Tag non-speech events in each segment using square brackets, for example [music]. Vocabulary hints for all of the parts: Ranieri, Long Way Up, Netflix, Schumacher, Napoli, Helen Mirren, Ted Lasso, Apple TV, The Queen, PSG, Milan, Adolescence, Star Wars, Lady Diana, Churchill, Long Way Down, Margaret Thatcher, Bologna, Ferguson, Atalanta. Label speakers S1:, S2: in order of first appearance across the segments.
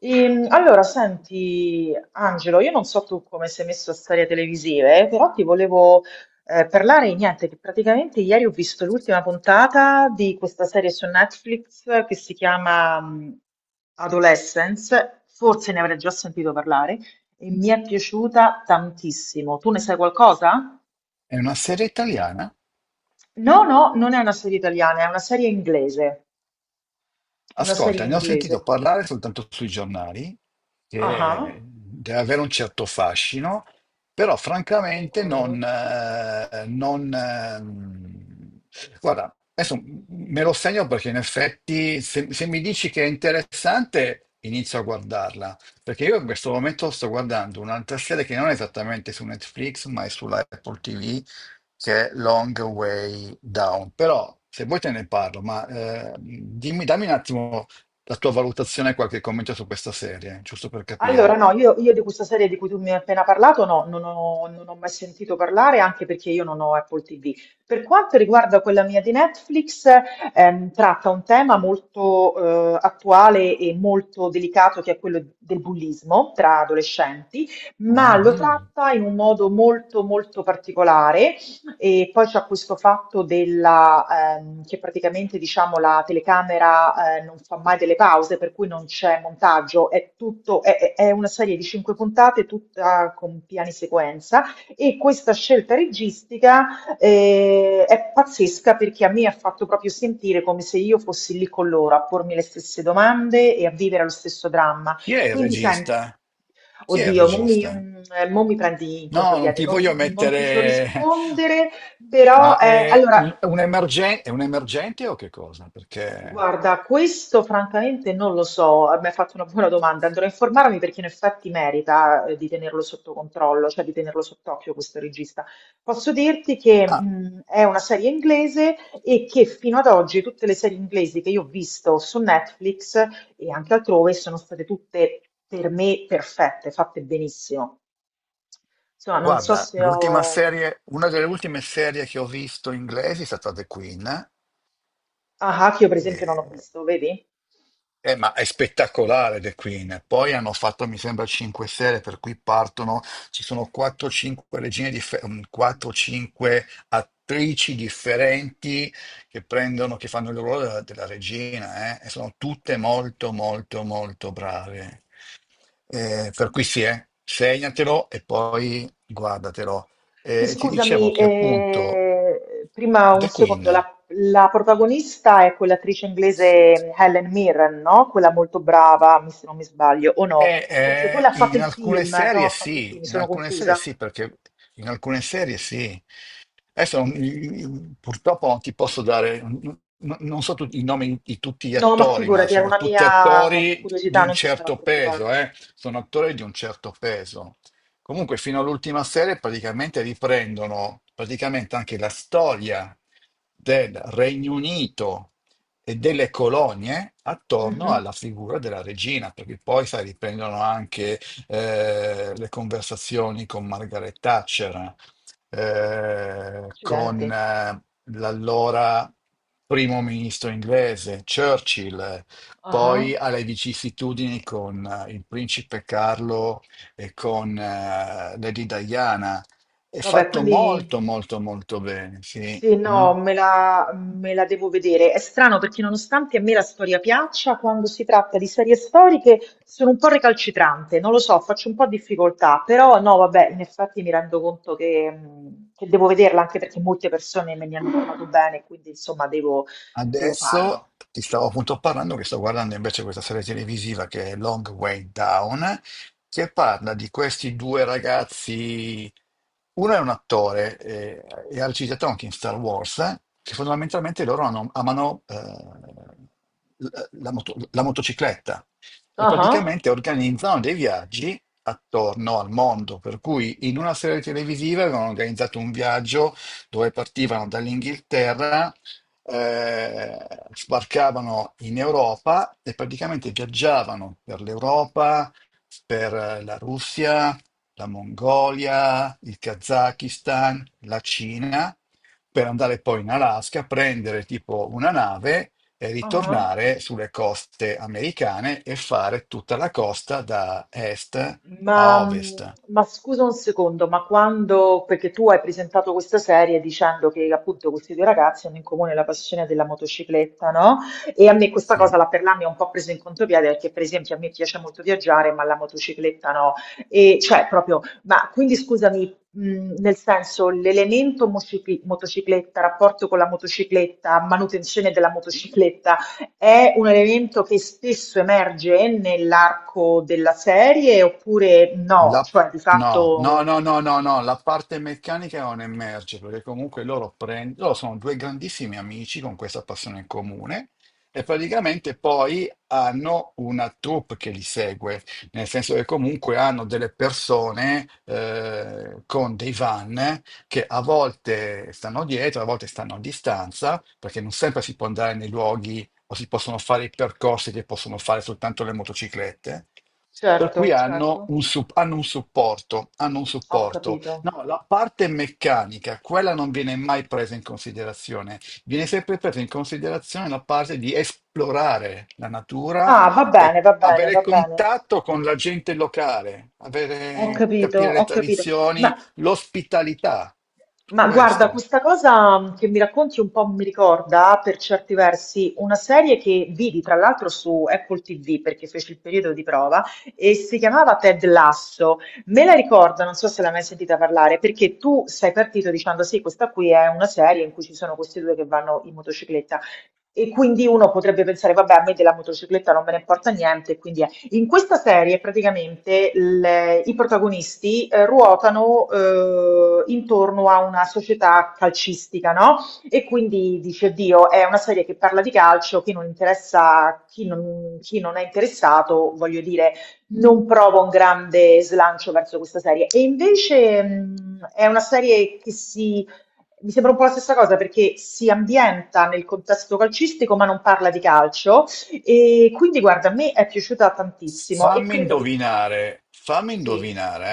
S1: Senti, Angelo, io non so tu come sei messo a storie televisive, però ti volevo parlare di niente, che praticamente ieri ho visto l'ultima puntata di questa serie su Netflix che si chiama Adolescence, forse ne avrai già sentito parlare, e mi è piaciuta tantissimo. Tu ne sai qualcosa?
S2: È una serie italiana?
S1: No, no, non è una serie italiana, è una serie inglese, una serie
S2: Ascolta, ne ho sentito
S1: inglese.
S2: parlare soltanto sui giornali,
S1: Ah,
S2: che
S1: ah,
S2: deve avere un certo fascino, però francamente non...
S1: concordo.
S2: eh, non, ehm, guarda, adesso me lo segno perché in effetti se mi dici che è interessante, inizio a guardarla, perché io in questo momento sto guardando un'altra serie che non è esattamente su Netflix, ma è sulla Apple TV, che è Long Way Down. Però se vuoi te ne parlo, ma dimmi, dammi un attimo la tua valutazione e qualche commento su questa serie, giusto per
S1: Allora,
S2: capire.
S1: no, io di questa serie di cui tu mi hai appena parlato, no, non ho mai sentito parlare, anche perché io non ho Apple TV. Per quanto riguarda quella mia di Netflix, tratta un tema molto attuale e molto delicato, che è quello del bullismo tra adolescenti, ma
S2: Ah,
S1: lo
S2: no, no.
S1: tratta in un modo molto, molto particolare, e poi c'è questo fatto della, che praticamente diciamo, la telecamera non fa mai delle pause, per cui non c'è montaggio, è, tutto, è una serie di cinque puntate, tutta con piani sequenza. E questa scelta registica è pazzesca perché a me ha fatto proprio sentire come se io fossi lì con loro a pormi le stesse domande e a vivere lo stesso dramma.
S2: Chi è il
S1: Quindi, sai.
S2: regista? Chi è il
S1: Oddio, mo mi,
S2: regista?
S1: mm, Mo mi prendi in
S2: No, non
S1: contropiede,
S2: ti voglio
S1: non ti so
S2: mettere... [laughs]
S1: rispondere, però
S2: Ma è un,
S1: allora,
S2: è un è un emergente o che cosa? Perché...
S1: guarda, questo francamente non lo so, mi hai fatto una buona domanda, andrò a informarmi perché in effetti merita di tenerlo sotto controllo, cioè di tenerlo sott'occhio questo regista. Posso dirti che
S2: Ah,
S1: è una serie inglese e che fino ad oggi tutte le serie inglesi che io ho visto su Netflix e anche altrove sono state tutte per me perfette, fatte benissimo. Insomma, non so
S2: guarda,
S1: se
S2: l'ultima
S1: ho...
S2: serie, una delle ultime serie che ho visto inglesi è stata The Queen.
S1: Ah, Haki io per esempio non ho
S2: Eh,
S1: visto, vedi?
S2: Ma è spettacolare The Queen. Poi hanno fatto, mi sembra, cinque serie, per cui partono, ci sono 4-5 4-5 attrici differenti che prendono, che fanno il ruolo della regina. Eh, E sono tutte molto, molto, molto brave. Per cui sì, segnatelo e poi guardatelo.
S1: Che
S2: Ti dicevo
S1: scusami,
S2: che appunto
S1: prima un
S2: The Queen.
S1: secondo, la protagonista è quell'attrice inglese Helen Mirren, no? Quella molto brava, se non mi sbaglio, o no? O forse quella ha fatto
S2: In
S1: il
S2: alcune
S1: film, no,
S2: serie
S1: ha fatto il
S2: sì,
S1: film, mi
S2: in
S1: sono
S2: alcune serie
S1: confusa.
S2: sì, perché in alcune serie sì. Adesso purtroppo non ti posso dare, non so tutti i nomi di tutti gli
S1: No, ma
S2: attori, ma
S1: figurati, era
S2: sono
S1: una
S2: tutti
S1: mia
S2: attori di
S1: curiosità,
S2: un
S1: non ti starà a
S2: certo peso,
S1: preoccupare.
S2: eh? Sono attori di un certo peso. Comunque fino all'ultima serie praticamente riprendono praticamente anche la storia del Regno Unito e delle colonie attorno
S1: Mhm.
S2: alla figura della regina, perché poi, sai, riprendono anche le conversazioni con Margaret Thatcher, eh,
S1: Accidenti.
S2: con eh, l'allora primo ministro inglese Churchill,
S1: Ah.
S2: poi alle vicissitudini con il principe Carlo e con Lady Diana. È
S1: Vabbè,
S2: fatto
S1: quindi...
S2: molto, molto, molto bene, sì.
S1: Sì,
S2: Mm.
S1: no, me la devo vedere. È strano perché nonostante a me la storia piaccia, quando si tratta di serie storiche sono un po' recalcitrante, non lo so, faccio un po' difficoltà, però no, vabbè, in effetti mi rendo conto che devo vederla anche perché molte persone me ne hanno parlato bene, quindi insomma devo, devo farlo.
S2: Adesso ti stavo appunto parlando che sto guardando invece questa serie televisiva che è Long Way Down, che parla di questi due ragazzi. Uno è un attore e ha recitato anche in Star Wars, che fondamentalmente amano la motocicletta e
S1: Ah ah,
S2: praticamente organizzano dei viaggi attorno al mondo, per cui in una serie televisiva avevano organizzato un viaggio dove partivano dall'Inghilterra, eh, sbarcavano in Europa e praticamente viaggiavano per l'Europa, per la Russia, la Mongolia, il Kazakistan, la Cina, per andare poi in Alaska, prendere tipo una nave e
S1: ah ah.
S2: ritornare sulle coste americane e fare tutta la costa da est a ovest.
S1: Ma scusa un secondo, ma quando, perché tu hai presentato questa serie dicendo che appunto questi due ragazzi hanno in comune la passione della motocicletta, no? E a me questa cosa,
S2: Sì.
S1: la Perla mi ha un po' preso in contropiede perché per esempio a me piace molto viaggiare, ma la motocicletta no. E cioè proprio, ma quindi scusami, nel senso l'elemento motocicletta, rapporto con la motocicletta, manutenzione della motocicletta, è un elemento che spesso emerge nell'arco della serie oppure no?
S2: La-
S1: Cioè, di
S2: No, no,
S1: fatto,
S2: no, no, no, no, la parte meccanica non emerge perché comunque loro sono due grandissimi amici con questa passione in comune e praticamente poi hanno una troupe che li segue, nel senso che comunque hanno delle persone con dei van che a volte stanno dietro, a volte stanno a distanza, perché non sempre si può andare nei luoghi o si possono fare i percorsi che possono fare soltanto le motociclette. Per cui
S1: certo, certo,
S2: hanno un supporto, hanno un
S1: ho
S2: supporto.
S1: capito.
S2: No, la parte meccanica, quella non viene mai presa in considerazione. Viene sempre presa in considerazione la parte di esplorare la natura
S1: Ah, va bene,
S2: e
S1: va bene,
S2: avere
S1: va bene.
S2: contatto con la gente locale,
S1: Ho capito,
S2: capire
S1: ho
S2: le
S1: capito. Ma
S2: tradizioni, l'ospitalità.
S1: Ma guarda,
S2: Questo.
S1: questa cosa che mi racconti un po' mi ricorda per certi versi una serie che vidi tra l'altro su Apple TV perché fece il periodo di prova e si chiamava Ted Lasso. Me la ricordo, non so se l'hai mai sentita parlare, perché tu sei partito dicendo sì, questa qui è una serie in cui ci sono questi due che vanno in motocicletta. E quindi uno potrebbe pensare, vabbè, a me della motocicletta non me ne importa niente, quindi in questa serie praticamente i protagonisti ruotano intorno a una società calcistica, no? E quindi dice, Dio, è una serie che parla di calcio, chi non interessa, chi non è interessato, voglio dire, non prova un grande slancio verso questa serie. E invece è una serie che si... Mi sembra un po' la stessa cosa perché si ambienta nel contesto calcistico ma non parla di calcio, e quindi guarda, a me è piaciuta tantissimo e credo che
S2: Fammi
S1: sì,
S2: indovinare,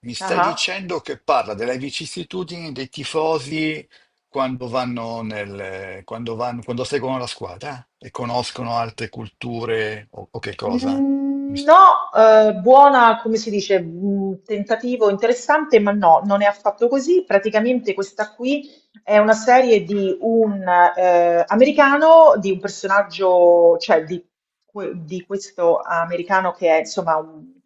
S2: eh? Mi stai
S1: ah.
S2: dicendo che parla delle vicissitudini dei tifosi quando vanno nel, quando vanno, quando seguono la squadra e conoscono altre culture o che cosa?
S1: No, buona, come si dice, tentativo interessante, ma no, non è affatto così. Praticamente questa qui è una serie di un americano, di un personaggio, cioè di, di questo americano che è insomma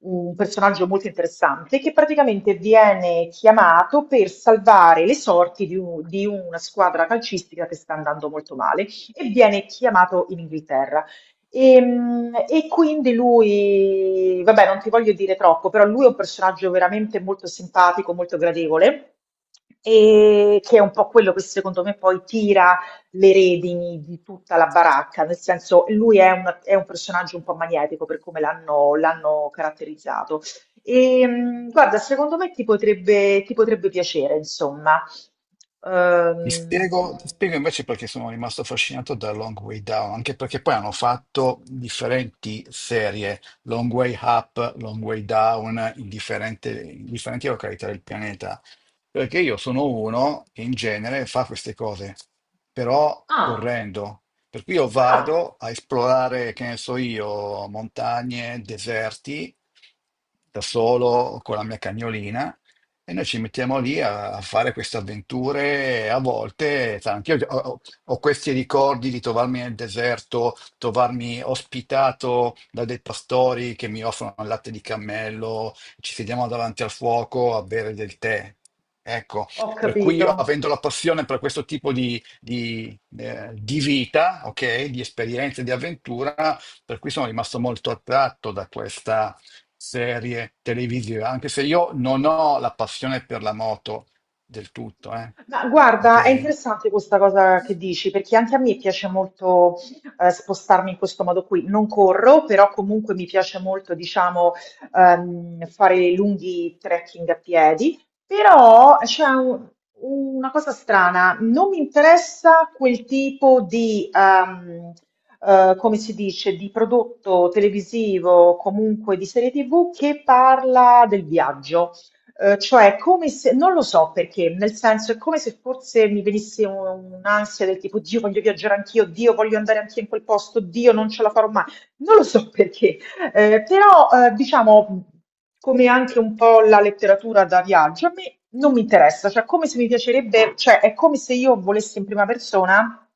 S1: un personaggio molto interessante, che praticamente viene chiamato per salvare le sorti di di una squadra calcistica che sta andando molto male e viene chiamato in Inghilterra. E quindi lui, vabbè, non ti voglio dire troppo, però lui è un personaggio veramente molto simpatico, molto gradevole, e che è un po' quello che secondo me poi tira le redini di tutta la baracca, nel senso lui è un personaggio un po' magnetico per come l'hanno caratterizzato. E, guarda, secondo me ti potrebbe piacere, insomma. Ehm,
S2: Ti spiego invece perché sono rimasto affascinato da Long Way Down, anche perché poi hanno fatto differenti serie, Long Way Up, Long Way Down, in differenti località del pianeta. Perché io sono uno che in genere fa queste cose, però
S1: ah,
S2: correndo. Per cui io
S1: ah,
S2: vado a esplorare, che ne so io, montagne, deserti, da solo con la mia cagnolina e noi ci mettiamo lì a fare queste avventure, a volte, sai, ho questi ricordi di trovarmi nel deserto, trovarmi ospitato da dei pastori che mi offrono il latte di cammello, ci sediamo davanti al fuoco a bere del tè. Ecco,
S1: ho
S2: per cui io
S1: capito.
S2: avendo la passione per questo tipo di vita, ok, di esperienze, di avventura, per cui sono rimasto molto attratto da questa serie televisive, anche se io non ho la passione per la moto del tutto,
S1: Ma guarda, è
S2: ok?
S1: interessante questa cosa che dici, perché anche a me piace molto spostarmi in questo modo qui. Non corro, però comunque mi piace molto, diciamo, fare lunghi trekking a piedi. Però c'è una cosa strana, non mi interessa quel tipo di, come si dice, di prodotto televisivo, comunque di serie TV che parla del viaggio. Cioè come se non lo so perché, nel senso è come se forse mi venisse un'ansia del tipo: "Dio voglio viaggiare anch'io, Dio voglio andare anch'io in quel posto, Dio non ce la farò mai." Non lo so perché, però, diciamo, come anche un po' la letteratura da viaggio, a me non mi interessa, cioè come se mi piacerebbe cioè è come se io volessi in prima persona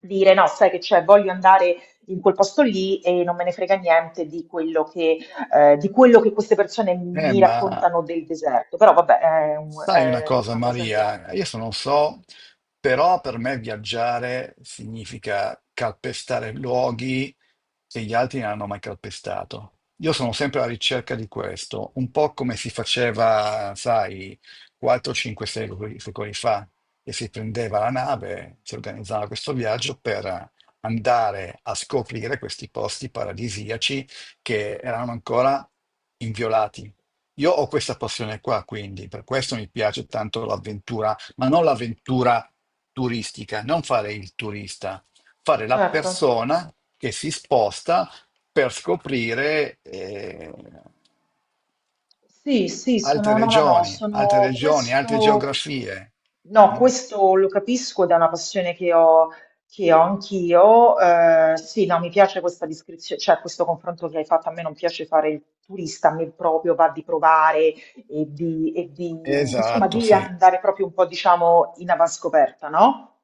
S1: dire: "No, sai che c'è, voglio andare in quel posto lì e non me ne frega niente di quello che di quello che queste persone mi
S2: Ma
S1: raccontano del deserto, però vabbè,
S2: sai una
S1: è
S2: cosa,
S1: una cosa mia.
S2: Maria, io se non so, però per me viaggiare significa calpestare luoghi che gli altri non hanno mai calpestato. Io sono sempre alla ricerca di questo, un po' come si faceva, sai, 4, 5 secoli, secoli fa, che si prendeva la nave, si organizzava questo viaggio per andare a scoprire questi posti paradisiaci che erano ancora inviolati. Io ho questa passione qua, quindi per questo mi piace tanto l'avventura, ma non l'avventura turistica, non fare il turista, fare la
S1: Certo.
S2: persona che si sposta per scoprire
S1: Sì, sì,
S2: altre
S1: sono, no, no, no,
S2: regioni, altre
S1: sono
S2: regioni, altre
S1: questo,
S2: geografie.
S1: no,
S2: Mm?
S1: questo lo capisco ed è una passione che ho anch'io. Eh, sì, no, mi piace questa descrizione, cioè questo confronto che hai fatto, a me non piace fare il turista, a me proprio va di provare insomma,
S2: Esatto,
S1: di
S2: sì.
S1: andare proprio un po', diciamo, in avanscoperta, no?